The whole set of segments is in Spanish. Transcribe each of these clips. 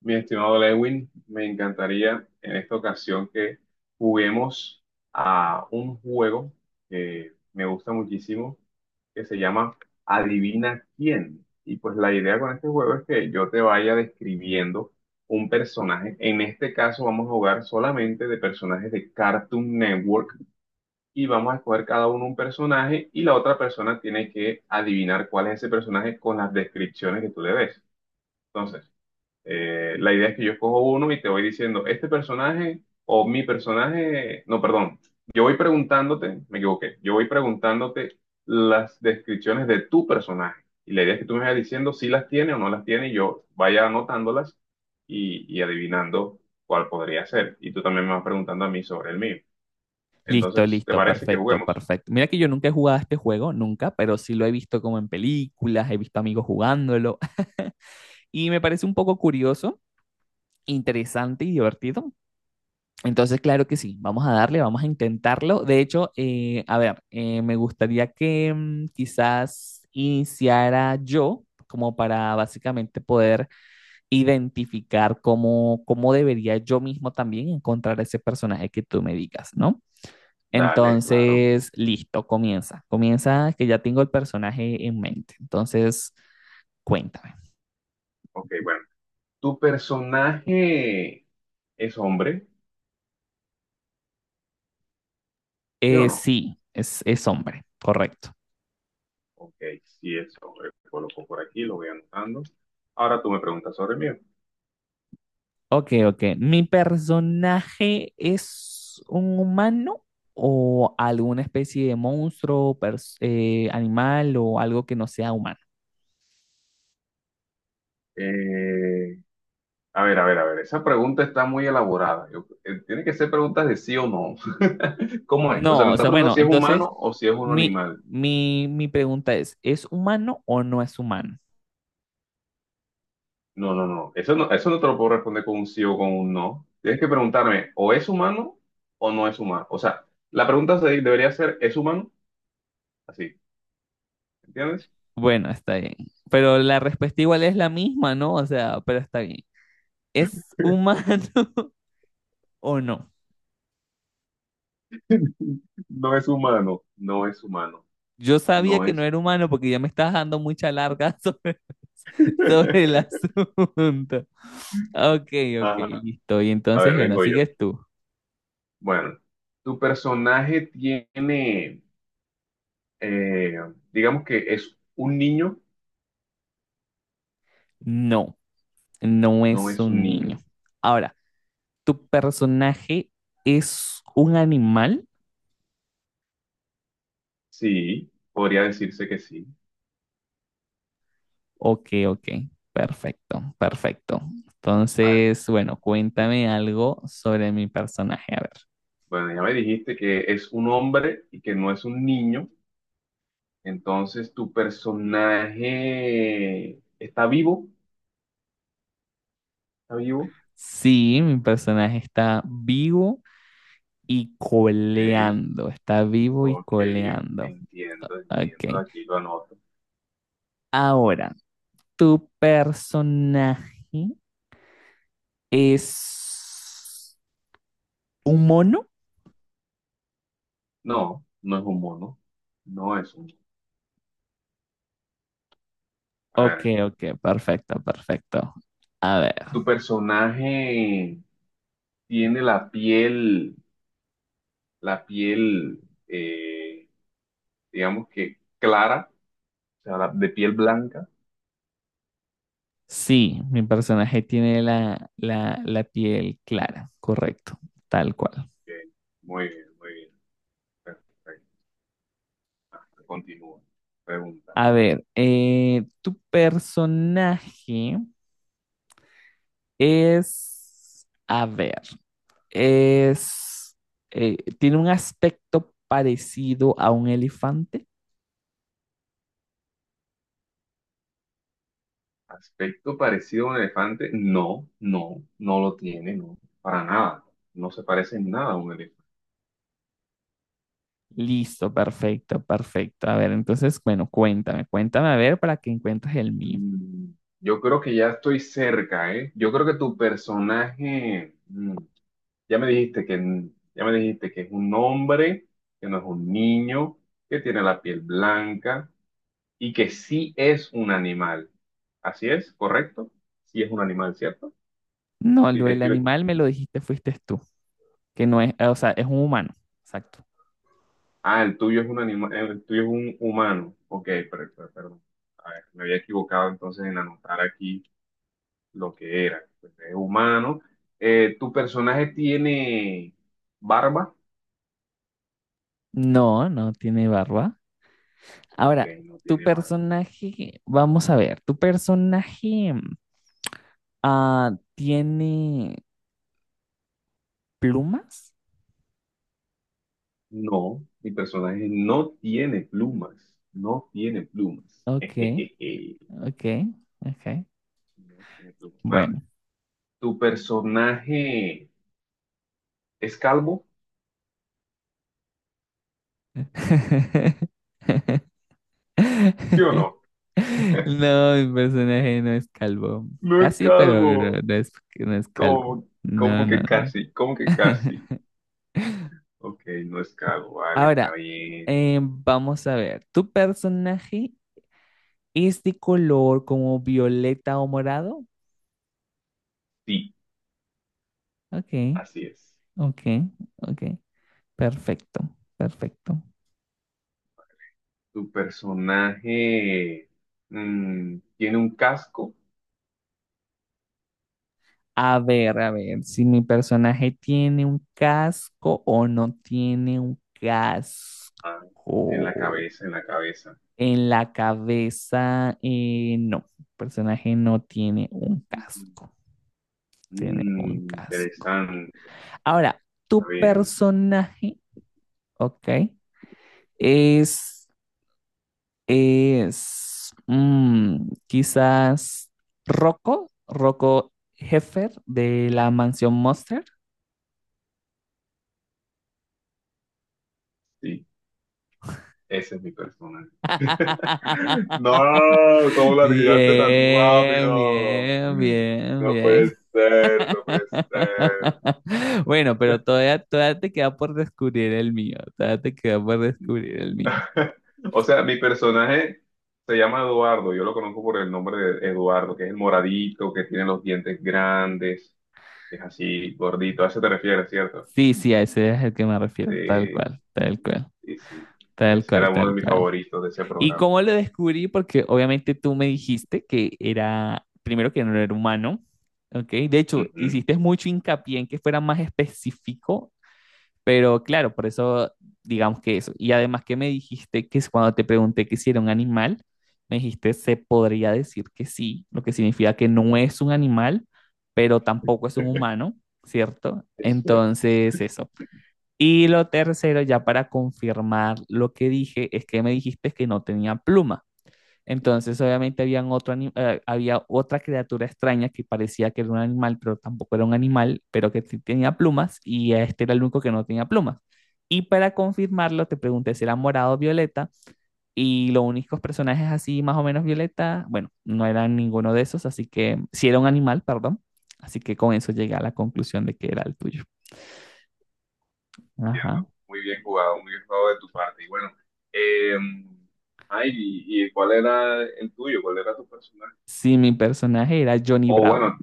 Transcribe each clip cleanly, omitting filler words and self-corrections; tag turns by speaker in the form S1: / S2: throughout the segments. S1: Mi estimado Lewin, me encantaría en esta ocasión que juguemos a un juego que me gusta muchísimo, que se llama Adivina quién. Y pues la idea con este juego es que yo te vaya describiendo un personaje. En este caso vamos a jugar solamente de personajes de Cartoon Network y vamos a escoger cada uno un personaje y la otra persona tiene que adivinar cuál es ese personaje con las descripciones que tú le des. Entonces, la idea es que yo escojo uno y te voy diciendo, este personaje o mi personaje, no, perdón, yo voy preguntándote, me equivoqué, yo voy preguntándote las descripciones de tu personaje. Y la idea es que tú me vayas diciendo si las tiene o no las tiene y yo vaya anotándolas y adivinando cuál podría ser. Y tú también me vas preguntando a mí sobre el mío.
S2: Listo,
S1: Entonces, ¿te
S2: listo,
S1: parece que
S2: perfecto,
S1: juguemos?
S2: perfecto. Mira que yo nunca he jugado a este juego, nunca, pero sí lo he visto como en películas, he visto amigos jugándolo y me parece un poco curioso, interesante y divertido. Entonces, claro que sí, vamos a darle, vamos a intentarlo. De hecho, a ver, me gustaría que quizás iniciara yo como para básicamente poder identificar cómo, cómo debería yo mismo también encontrar ese personaje que tú me digas, ¿no?
S1: Dale, claro.
S2: Entonces, listo, comienza. Comienza que ya tengo el personaje en mente. Entonces, cuéntame.
S1: Ok, bueno. ¿Tu personaje es hombre? ¿Sí o no?
S2: Sí, es hombre, correcto.
S1: Ok, sí, eso coloco por aquí, lo voy anotando. Ahora tú me preguntas sobre mí.
S2: Ok, ok. ¿Mi personaje es un humano o alguna especie de monstruo, animal o algo que no sea humano?
S1: Eh, a ver, esa pregunta está muy elaborada. Tiene que ser preguntas de sí o no. ¿Cómo es? O sea,
S2: No,
S1: me
S2: o
S1: estás
S2: sea,
S1: preguntando
S2: bueno,
S1: si es
S2: entonces
S1: humano o si es un animal.
S2: mi pregunta ¿es humano o no es humano?
S1: No, no, no. Eso no, eso no te lo puedo responder con un sí o con un no. Tienes que preguntarme, ¿o es humano o no es humano? O sea, la pregunta debería ser, ¿es humano? Así, ¿entiendes?
S2: Bueno, está bien. Pero la respuesta igual es la misma, ¿no? O sea, pero está bien. ¿Es humano o no?
S1: No es humano, no es humano,
S2: Yo sabía
S1: no
S2: que no
S1: es.
S2: era humano porque ya me estás dando mucha larga sobre el asunto. Ok, ok,
S1: Ajá.
S2: listo. Y
S1: A
S2: entonces,
S1: ver,
S2: bueno,
S1: vengo yo.
S2: sigues tú.
S1: Bueno, tu personaje tiene, eh, digamos que es un niño,
S2: No, no
S1: no
S2: es
S1: es un
S2: un niño.
S1: niño.
S2: Ahora, ¿tu personaje es un animal?
S1: Sí, podría decirse que sí.
S2: Ok, ok, perfecto, perfecto.
S1: Vale.
S2: Entonces, bueno, cuéntame algo sobre mi personaje. A ver,
S1: Bueno, ya me dijiste que es un hombre y que no es un niño. Entonces, tu personaje está vivo, está vivo.
S2: sí, mi personaje está vivo y
S1: Ok,
S2: coleando, está vivo y
S1: ok,
S2: coleando.
S1: entiendo,
S2: Ok,
S1: entiendo. Aquí lo anoto.
S2: ahora, ¿tu personaje es un mono?
S1: No, no es un mono. No es un. A
S2: Ok,
S1: ver,
S2: ok, perfecto, perfecto. A ver,
S1: tu personaje tiene la piel, eh, digamos que clara, o sea, de piel blanca.
S2: sí, mi personaje tiene la piel clara, correcto, tal cual.
S1: Ok, muy bien, muy bien. Perfecto. Continúa. Pregúntame.
S2: A ver, tu personaje es, a ver, es, tiene un aspecto parecido a un elefante.
S1: ¿Aspecto parecido a un elefante? No, no, no lo tiene, no, para nada. No se parece en nada a un elefante.
S2: Listo, perfecto, perfecto. A ver, entonces, bueno, cuéntame, cuéntame a ver para que encuentres el mío.
S1: Mm, yo creo que ya estoy cerca, ¿eh? Yo creo que tu personaje Ya me dijiste que, ya me dijiste que es un hombre, que no es un niño, que tiene la piel blanca y que sí es un animal. Así es, correcto. Sí es un animal, ¿cierto?
S2: No,
S1: Sí,
S2: lo del
S1: estoy-
S2: animal me lo dijiste, fuiste tú, que no es, o sea, es un humano, exacto.
S1: ah, el tuyo es un animal, el tuyo es un humano. Ok, perdón. A ver, me había equivocado entonces en anotar aquí lo que era. Pues es humano. ¿Tu personaje tiene barba?
S2: No, no tiene barba.
S1: Ok,
S2: Ahora,
S1: no
S2: tu
S1: tiene barba.
S2: personaje, vamos a ver, tu personaje. Ah, ¿tiene plumas?
S1: No, mi personaje no tiene plumas. No tiene plumas.
S2: Ok,
S1: Jejeje,
S2: ok, ok.
S1: no tiene plumas. Bueno,
S2: Bueno.
S1: ¿tu personaje es calvo? ¿Sí o no?
S2: No, mi personaje no es calvo.
S1: No es
S2: Casi, pero no
S1: calvo.
S2: no es calvo.
S1: ¿Cómo,
S2: No,
S1: cómo
S2: no,
S1: que
S2: no.
S1: casi? ¿Cómo que casi? Ok, no es calvo. Vale, está
S2: Ahora,
S1: bien.
S2: vamos a ver. ¿Tu personaje es de color como violeta o morado?
S1: Sí,
S2: Ok,
S1: así es.
S2: ok, ok. Perfecto, perfecto.
S1: ¿Tu personaje tiene un casco?
S2: A ver, si mi personaje tiene un casco o no tiene un casco.
S1: Ah, en la cabeza, en la cabeza.
S2: En la cabeza, no, el personaje no tiene un casco, tiene un
S1: Mm,
S2: casco.
S1: interesante.
S2: Ahora,
S1: Está
S2: tu
S1: bien.
S2: personaje, ok, es, es, quizás Rocco, Rocco Heffer de la Mansión Monster.
S1: Sí, ese es mi personaje. No, ¿cómo lo adivinaste tan
S2: Bien,
S1: rápido?
S2: bien, bien,
S1: No puede
S2: bien.
S1: ser, no puede ser.
S2: Bueno, pero todavía, todavía te queda por descubrir el mío. Todavía te queda por descubrir el mío.
S1: O sea, mi personaje se llama Eduardo, yo lo conozco por el nombre de Eduardo, que es el moradito, que tiene los dientes grandes, que es así gordito. A eso te refieres, ¿cierto?
S2: Sí, sí, a ese es el que me refiero. Tal
S1: Sí,
S2: cual, tal cual,
S1: sí, sí.
S2: tal
S1: Ese era
S2: cual,
S1: uno de
S2: tal
S1: mis
S2: cual.
S1: favoritos de ese
S2: ¿Y
S1: programa.
S2: cómo lo descubrí? Porque obviamente tú me dijiste que era, primero que no era humano, ¿ok? De hecho,
S1: Ujú,
S2: hiciste mucho hincapié en que fuera más específico. Pero claro, por eso digamos que eso. Y además que me dijiste que es cuando te pregunté que si era un animal, me dijiste se podría decir que sí, lo que significa que no es un animal, pero tampoco es un humano, ¿cierto?
S1: es cierto.
S2: Entonces, eso. Y lo tercero, ya para confirmar lo que dije, es que me dijiste que no tenía pluma. Entonces, obviamente, habían había otra criatura extraña que parecía que era un animal, pero tampoco era un animal, pero que sí tenía plumas, y este era el único que no tenía plumas. Y para confirmarlo, te pregunté si era morado o violeta, y los únicos personajes así, más o menos violeta, bueno, no eran ninguno de esos, así que si era un animal, perdón. Así que con eso llegué a la conclusión de que era el tuyo. Ajá.
S1: Entiendo. Muy bien jugado de tu parte. Y bueno, eh, ay, ¿y cuál era el tuyo? ¿Cuál era tu personaje?
S2: Sí, mi personaje era Johnny
S1: Oh,
S2: Bravo.
S1: bueno,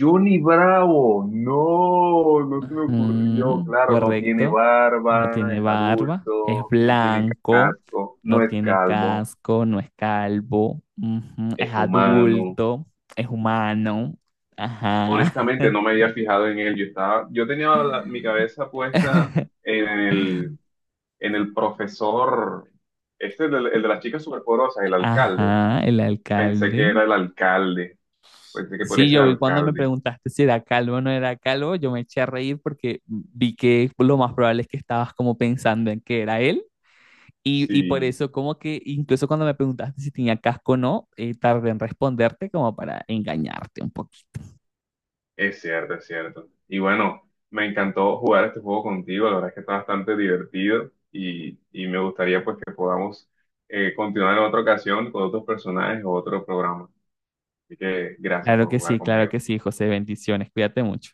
S1: Johnny Bravo. No, no se me ocurrió.
S2: Mm,
S1: Claro, no tiene
S2: correcto. No
S1: barba,
S2: tiene
S1: es
S2: barba, es
S1: adulto, no tiene
S2: blanco,
S1: casco, no
S2: no
S1: es
S2: tiene
S1: calvo,
S2: casco, no es calvo, ujú, es
S1: es humano.
S2: adulto, es humano. Ajá.
S1: Honestamente, no me había fijado en él. Yo estaba, yo tenía mi cabeza puesta en el, en el profesor, este, es el de las chicas superpoderosas, el alcalde.
S2: Ajá, el
S1: Pensé que
S2: alcalde.
S1: era el alcalde. Pensé que podría
S2: Sí,
S1: ser
S2: yo vi cuando me
S1: alcalde.
S2: preguntaste si era calvo o no era calvo, yo me eché a reír porque vi que lo más probable es que estabas como pensando en que era él. Y por
S1: Sí,
S2: eso como que incluso cuando me preguntaste si tenía casco o no, tardé en responderte como para engañarte un poquito.
S1: es cierto, es cierto. Y bueno, me encantó jugar este juego contigo. La verdad es que está bastante divertido y me gustaría pues que podamos continuar en otra ocasión con otros personajes o otro programa. Así que gracias por jugar
S2: Claro
S1: conmigo.
S2: que sí, José. Bendiciones. Cuídate mucho.